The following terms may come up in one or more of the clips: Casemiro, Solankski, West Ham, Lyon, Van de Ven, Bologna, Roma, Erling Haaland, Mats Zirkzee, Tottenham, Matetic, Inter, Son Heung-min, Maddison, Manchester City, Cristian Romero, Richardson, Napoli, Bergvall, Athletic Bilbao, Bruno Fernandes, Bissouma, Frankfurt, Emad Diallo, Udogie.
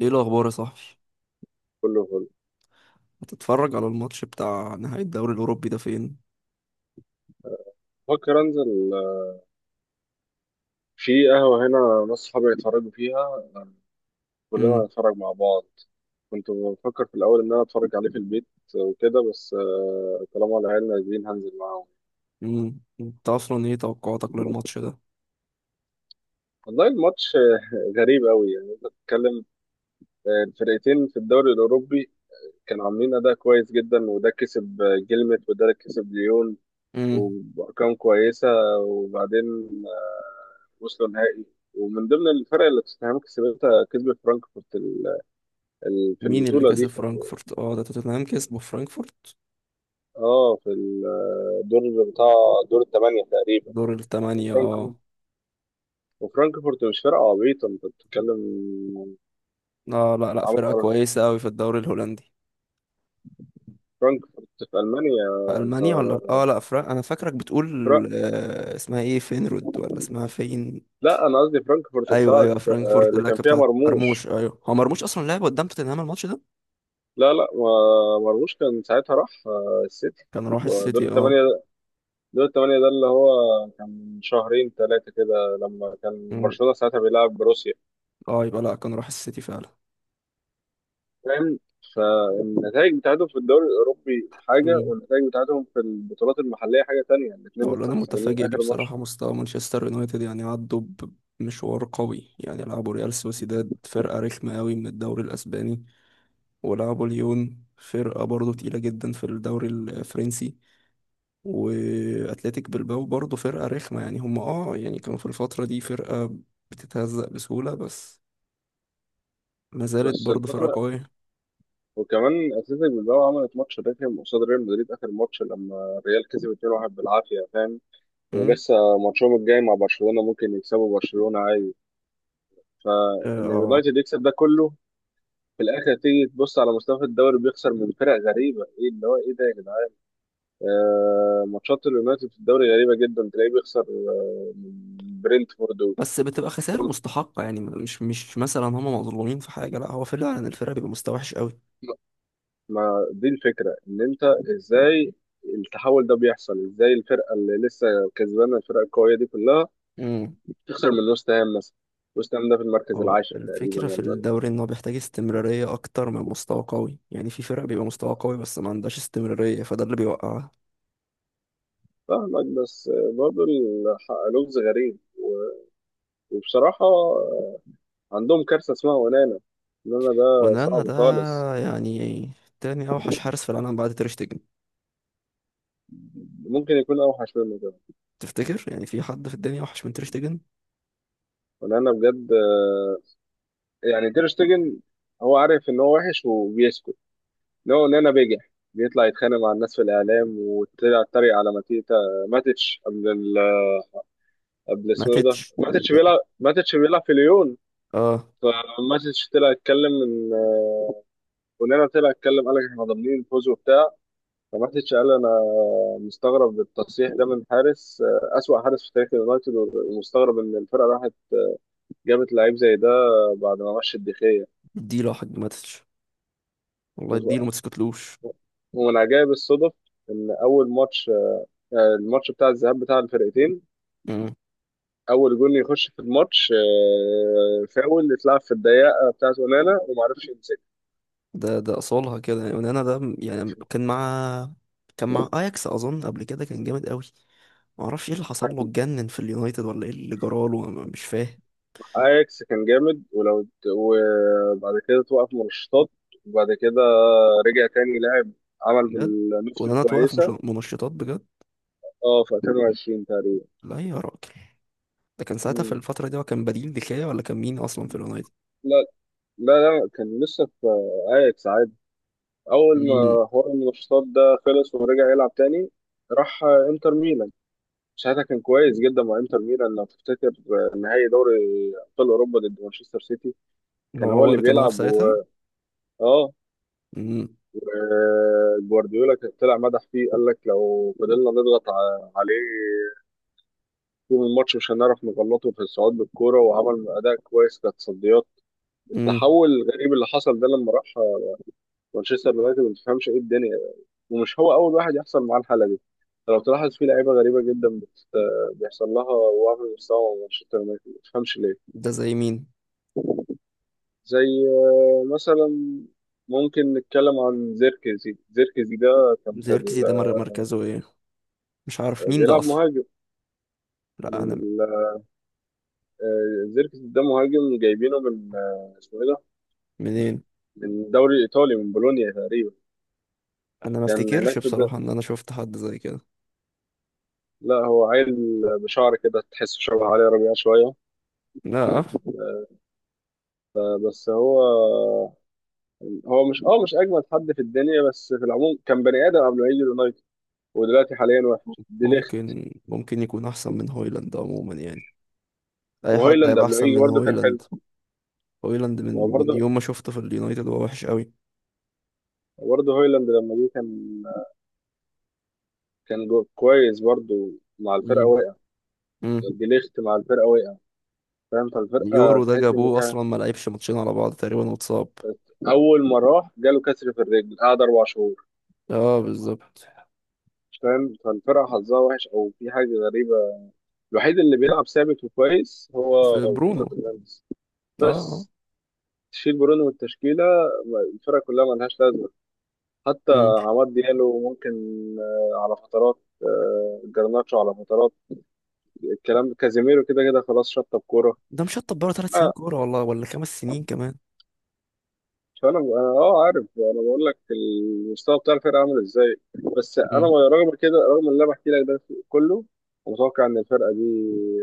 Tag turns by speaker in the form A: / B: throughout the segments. A: ايه الاخبار يا صاحبي؟
B: كله فل.
A: هتتفرج على الماتش بتاع نهائي الدوري الاوروبي ده فين؟
B: فكر انزل في قهوة هنا ناس صحابي هيتفرجوا فيها، كلنا
A: امم
B: هنتفرج مع بعض. كنت بفكر في الأول إن أنا أتفرج عليه في البيت وكده، بس طالما العيال نازلين هنزل معاهم.
A: انت اصلا ايه توقعاتك للماتش ده؟
B: والله الماتش غريب أوي، يعني أنت بتتكلم. الفرقتين في الدوري الأوروبي كانوا عاملين أداء كويس جدا، وده كسب جيلمت، وده كسب ليون.
A: امم
B: وبأرقام كويسة. وبعدين وصلوا نهائي. ومن ضمن الفرق اللي توتنهام كسبتها، كسبت فرانكفورت في
A: مين اللي
B: البطولة
A: كسب
B: دي، في
A: فرانكفورت؟ اه، ده توتنهام كسبه في فرانكفورت.
B: اه في الدور بتاع، دور الثمانية تقريبا.
A: دور الثمانية،
B: وفرانكفورت
A: اه.
B: وفرانكفورت مش فرقة عبيطة، انت بتتكلم
A: لا، لا، لا، فرقة
B: عن
A: كويسة أوي في الدوري الهولندي.
B: فرانكفورت في ألمانيا.
A: في
B: انت
A: ألمانيا ولا؟ اه لا، فرق. أنا فاكرك
B: فرق.
A: بتقول آه، اسمها ايه؟ فينرود ولا اسمها فين؟
B: لا، انا قصدي فرانكفورت
A: أيوه،
B: بتاعت
A: أيوه، فرانكفورت
B: اللي
A: اللي
B: كان
A: كانت
B: فيها
A: بتاعت
B: مرموش.
A: مرموش. أيوه، هو مرموش أصلا لعب قدام توتنهام الماتش ده؟
B: لا لا، مرموش كان ساعتها راح السيتي.
A: كان راح
B: ودور
A: السيتي،
B: الثمانية،
A: اه.
B: دور الثمانية ده اللي هو كان من شهرين ثلاثة كده لما كان
A: مم.
B: برشلونة ساعتها بيلعب بروسيا.
A: اه، يبقى لا، كان راح السيتي فعلا.
B: فاهم؟ النتائج بتاعتهم في الدوري الأوروبي حاجة،
A: مم.
B: والنتائج بتاعتهم في البطولات المحلية حاجة تانية. الاتنين
A: والله
B: لسه
A: انا
B: خسرانين
A: متفاجئ بيه
B: آخر ماتش.
A: بصراحه، مستوى مانشستر يونايتد يعني عدوا بمشوار قوي. يعني لعبوا ريال سوسيداد، فرقه رخمه قوي من الدوري الاسباني، ولعبوا ليون، فرقه برضه تقيله جدا في الدوري الفرنسي. واتلتيك بلباو برضه فرقه رخمه، يعني هم اه يعني كانوا في الفتره دي فرقه بتتهزق بسهوله، بس ما زالت
B: بس
A: برضه فرقه
B: الفترة،
A: قويه.
B: وكمان أتلتيك بالباو عملت ماتش رخم قصاد ريال مدريد آخر ماتش، لما الريال كسب 2-1 بالعافية. فاهم؟
A: مم.
B: ولسه ماتشهم الجاي مع برشلونة، ممكن يكسبوا برشلونة عادي.
A: اه،
B: فإن
A: آه.
B: اليونايتد يكسب ده كله، في الآخر تيجي تبص على مستوى الدوري، بيخسر من فرق غريبة. إيه اللي هو إيه ده يا جدعان؟ ماتشات اليونايتد في الدوري غريبة جدا، تلاقيه بيخسر من برينتفورد.
A: بس بتبقى خسائر مستحقه، يعني مش مثلا هم مظلومين في حاجه، لا هو فعلا الفرقه بيبقى مستوى وحش قوي.
B: ما دي الفكرة، إن أنت إزاي التحول ده بيحصل، إزاي الفرقة اللي لسه كسبانة، الفرقة القوية دي كلها،
A: مم.
B: تخسر من وست هام مثلا. وست هام ده في المركز
A: هو
B: العاشر تقريبا،
A: الفكرة في
B: ولا لا؟
A: الدوري إن هو بيحتاج استمرارية أكتر من مستوى قوي، يعني في فرق بيبقى مستوى قوي بس ما عندهاش استمرارية، فده اللي بيوقعها.
B: فاهمك، بس برضه لغز غريب وبصراحة عندهم كارثة اسمها ونانا. ونانا ده
A: ونانا
B: صعب
A: ده،
B: خالص.
A: يعني تاني أوحش حارس في العالم بعد تيرشتيجن.
B: ممكن يكون أوحش منه كمان.
A: تفتكر يعني في حد في الدنيا أوحش من تيرشتيجن؟
B: ونانا بجد، يعني تير شتيجن هو عارف إن هو وحش وبيسكت. اللي هو، لنا بيجح بيطلع يتخانق مع الناس في الاعلام، وطلع اتريق على ماتيتا. ماتيتش قبل اسمه إيه ده،
A: ماتيتش
B: ماتيتش
A: ده.
B: بيلعب، ماتيتش بيلعب في ليون.
A: اه.
B: فماتيتش طلع يتكلم ان ونانا طلع يتكلم، قال لك احنا ضامنين الفوز وبتاع. فماتيتش قال انا مستغرب التصريح ده من حارس، اسوأ حارس في تاريخ اليونايتد، ومستغرب ان الفرقه راحت جابت لعيب زي ده بعد ما مشي الدخيه.
A: اديله حق ماتيتش، والله اديله ما تسكتلوش.
B: ومن عجائب الصدف ان اول ماتش، الماتش بتاع الذهاب بتاع الفرقتين،
A: مم.
B: اول جول يخش في الماتش فاول اتلعب في الضيقه بتاعت ونانا، وما عرفش يمسكها.
A: ده أصولها كده، ونانا ده يعني كان مع أياكس أظن، قبل كده كان جامد قوي. معرفش ايه اللي حصل له، اتجنن في اليونايتد ولا ايه اللي جراله، أنا مش فاهم.
B: اياكس كان جامد، ولو وبعد كده توقف منشطات. وبعد كده رجع تاني لاعب، عمل
A: بجد.
B: بالنص
A: وان انا توقف
B: الكويسه.
A: منشطات بجد؟
B: اه في 2020 تقريبا.
A: لا يا راجل، ده كان ساعتها في
B: مم.
A: الفترة دي هو كان بديل دكايا ولا كان مين أصلا في اليونايتد؟
B: لا لا لا، كان لسه في اياكس عادي. اول
A: امم
B: ما حوار المنشطات ده خلص ورجع يلعب تاني، راح انتر ميلان. ساعتها كان كويس جدا مع انتر ميلان، لو تفتكر نهائي دوري ابطال اوروبا ضد مانشستر سيتي. كان
A: هو
B: هو
A: هو
B: اللي
A: اللي كان واقف
B: بيلعب و
A: ساعتها؟
B: اه
A: امم
B: آه، جوارديولا كان طلع مدح فيه، قال لك لو فضلنا نضغط عليه طول الماتش مش هنعرف نغلطه في الصعود بالكوره، وعمل اداء كويس كتصديات.
A: امم
B: التحول الغريب اللي حصل ده لما راح مانشستر يونايتد، ما تفهمش ايه الدنيا. ومش هو اول واحد يحصل معاه الحاله دي. لو تلاحظ في لعيبه غريبه جدا بيحصل لها وهم مستوى مع مانشستر يونايتد، ما تفهمش ليه.
A: ده زي مين؟
B: زي مثلا ممكن نتكلم عن زيركزي. زيركزي ده كان في
A: زيركزي ده مركزه ايه؟ مش عارف مين ده
B: بيلعب
A: أصلا؟
B: مهاجم.
A: لا أنا،
B: ال- زيركزي ده مهاجم جايبينه من اسمه ايه ده،
A: منين؟
B: من الدوري الايطالي من بولونيا تقريبا.
A: أنا ما
B: كان
A: افتكرش
B: هناك
A: بصراحة إن أنا شفت حد زي كده.
B: لا هو عيل بشعر كده، تحسه شبه علي ربيع شويه.
A: لا.
B: بس هو مش اجمد حد في الدنيا، بس في العموم كان بني ادم قبل ما يجي اليونايتد. ودلوقتي حاليا وحش دي ليخت.
A: ممكن يكون أحسن من هويلاند عموما، يعني أي حد
B: وهويلاند
A: هيبقى
B: قبل ما
A: أحسن
B: يجي
A: من
B: برده كان حلو.
A: هويلاند. هويلاند من
B: وبرضه
A: يوم ما شفته في اليونايتد هو وحش قوي.
B: برضه هويلاند لما جه كان جو كويس برضه مع الفرقة، وقع.
A: امم
B: جليخت مع الفرقة وقع، فاهم؟ فالفرقة
A: اليورو ده
B: تحس إن
A: جابوه
B: فيها،
A: اصلا ما لعبش ماتشين على بعض تقريبا واتصاب.
B: أول ما راح جاله كسر في الرجل قعد 4 شهور.
A: اه، بالظبط.
B: مش فاهم، فالفرقة حظها وحش أو في حاجة غريبة. الوحيد اللي بيلعب ثابت وكويس هو
A: في
B: برونو
A: برونو.
B: فرنانديز،
A: اه، آه.
B: بس. تشيل برونو من التشكيلة، الفرقة كلها ملهاش لازمة. حتى
A: مم.
B: عماد ديالو ممكن على فترات، جرناتشو على فترات، الكلام. كازيميرو كده كده خلاص شطب كورة.
A: ده مشطب بره 3 سنين
B: آه،
A: كوره، والله ولا 5 سنين كمان.
B: فانا انا اه عارف انا بقول لك المستوى بتاع الفرقه عامل ازاي، بس انا
A: مم.
B: رغم كده، رغم اللي انا بحكي لك ده كله، متوقع ان الفرقه دي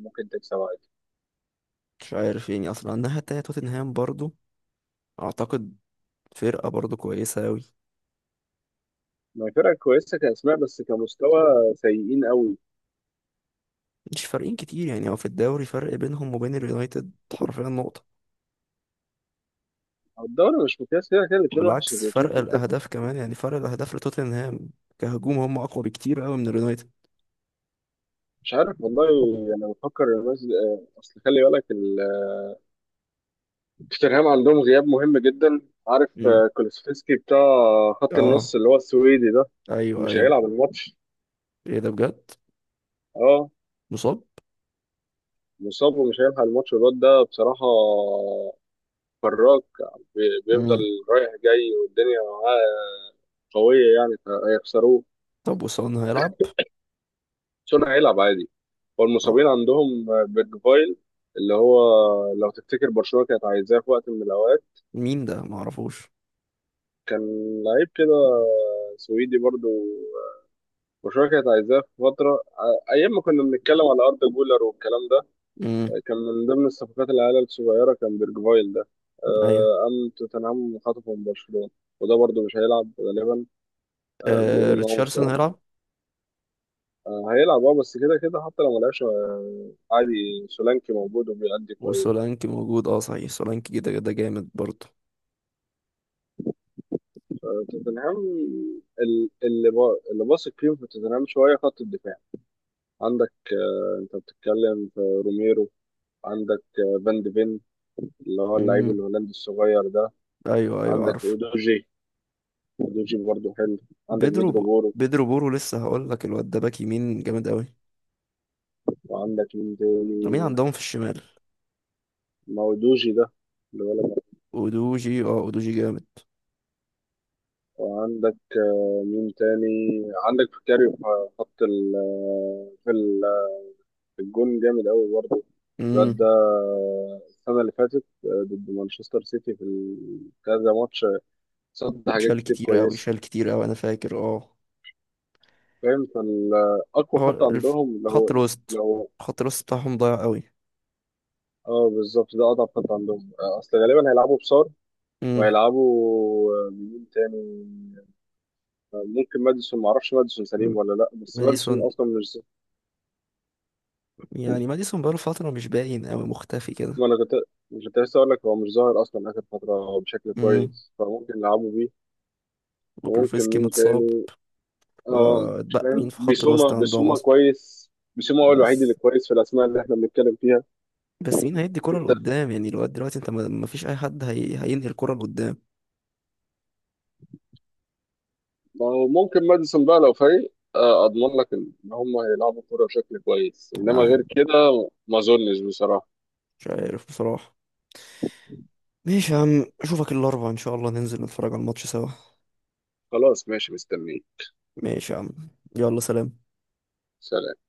B: ممكن تكسب عادي.
A: مش عارف يعني، اصلا الناحيه التانيه توتنهام برضو اعتقد فرقه برضو كويسه اوي.
B: ما هي فرقه كويسه كاسماء، بس كمستوى سيئين قوي.
A: مش فارقين كتير، يعني هو في الدوري فرق بينهم وبين اليونايتد حرفيا نقطه.
B: الدوري مش مقياس، كده كده الاثنين وحش،
A: وبالعكس،
B: الاثنين.
A: فرق الاهداف كمان، يعني فرق الاهداف لتوتنهام كهجوم هم اقوى بكتير اوي من اليونايتد.
B: مش عارف والله. انا بفكر الناس، اصل خلي بالك توتنهام عندهم غياب مهم جدا، عارف؟
A: مم.
B: كولوسفسكي بتاع خط
A: اه.
B: النص، اللي هو السويدي ده،
A: ايوه،
B: مش
A: ايوه.
B: هيلعب الماتش.
A: ايه ده بجد؟
B: اه
A: مصاب؟
B: مصاب ومش هيلحق الماتش الواد ده بصراحة. فراك بيفضل
A: مم.
B: رايح جاي، والدنيا معاه قوية يعني، فهيخسروه.
A: طب وسون هيلعب؟
B: سون هيلعب عادي.
A: اه.
B: والمصابين عندهم بيرجفايل، اللي هو لو تفتكر برشلونة كانت عايزاه في وقت من الأوقات.
A: مين ده؟ معرفوش.
B: كان لعيب كده سويدي برضو، برشلونة كانت عايزاه في فترة، أيام ما كنا بنتكلم على أردا جولر والكلام ده.
A: امم
B: كان من ضمن الصفقات العيال الصغيرة، كان بيرجفايل ده.
A: ايوه.
B: قام توتنهام خطفه من برشلونة. وده برضه مش هيلعب غالبا،
A: آه،
B: بيقولوا إن هو
A: ريتشاردسون
B: مصاب.
A: هيلعب؟
B: هيلعب اه، بس كده كده حتى لو ملعبش عادي، سولانكي موجود وبيأدي كويس.
A: وسولانكي موجود، اه صحيح، سولانكي كده كده جامد برضه.
B: توتنهام، اللي باثق فيهم في توتنهام شوية خط الدفاع. عندك أنت بتتكلم في روميرو. عندك فان ديفين، اللي هو اللعيب
A: امم
B: الهولندي الصغير ده.
A: ايوه، ايوه،
B: عندك
A: عارف.
B: اودوجي، اودوجي برضه حلو. عندك
A: بيدرو
B: بيدرو
A: ب...
B: بورو.
A: بيدرو بورو لسه هقول لك، الواد ده باك يمين جامد قوي.
B: وعندك مين
A: مين
B: تاني؟
A: عندهم في الشمال؟
B: مودوجي ده اللي بالك.
A: اودوجي؟ اه، اودوجي جامد.
B: وعندك مين تاني؟ عندك فكاري في خط ال آه، في ال- في الجون جامد قوي برضه. الواد ده
A: امم
B: السنة اللي فاتت ضد مانشستر سيتي في كذا ماتش، صد حاجات
A: شال
B: كتير
A: كتير قوي،
B: كويسة.
A: شال كتير قوي، انا فاكر، اه.
B: فاهم، فالأقوى
A: هو
B: خط
A: الف...
B: عندهم اللي هو،
A: خط
B: اللي
A: الوسط.
B: هو
A: خط الوسط بتاعهم ضايع قوي.
B: اه بالظبط ده أضعف خط عندهم، أصل غالبا هيلعبوا بصار.
A: امم
B: وهيلعبوا مين تاني؟ ممكن ماديسون، ما اعرفش ماديسون سليم ولا لا، بس
A: ماديسون.
B: ماديسون اصلا مش.
A: يعني ماديسون بقاله فترة مش باين قوي، مختفي كده.
B: ما انا كنت مش كنت لسه اقول لك هو مش ظاهر اصلا اخر فتره بشكل
A: امم
B: كويس، فممكن نلعبوا بيه. وممكن
A: وكلوفسكي
B: مين
A: متصاب.
B: تاني؟ اه مش
A: فاتبقى مين
B: فاهم،
A: في خط الوسط
B: بيسوما
A: عندهم
B: بيسوما
A: اصلا؟
B: كويس، بيسوما هو الوحيد اللي
A: بس،
B: كويس في الاسماء اللي احنا بنتكلم فيها.
A: بس مين هيدي كرة
B: انت،
A: لقدام؟ يعني لغاية دلوقتي انت ما فيش اي حد هينهي الكرة لقدام.
B: ما هو ممكن ماديسون بقى لو فايق، اضمن لك ان هم هيلعبوا كوره بشكل كويس، انما
A: يعني،
B: غير كده ما اظنش بصراحه.
A: مش عارف بصراحة. ماشي يا عم، اشوفك الاربعاء ان شاء الله، ننزل نتفرج على الماتش سوا.
B: خلاص ماشي، مستنيين.
A: ماشي يا عم. يلا سلام.
B: سلام.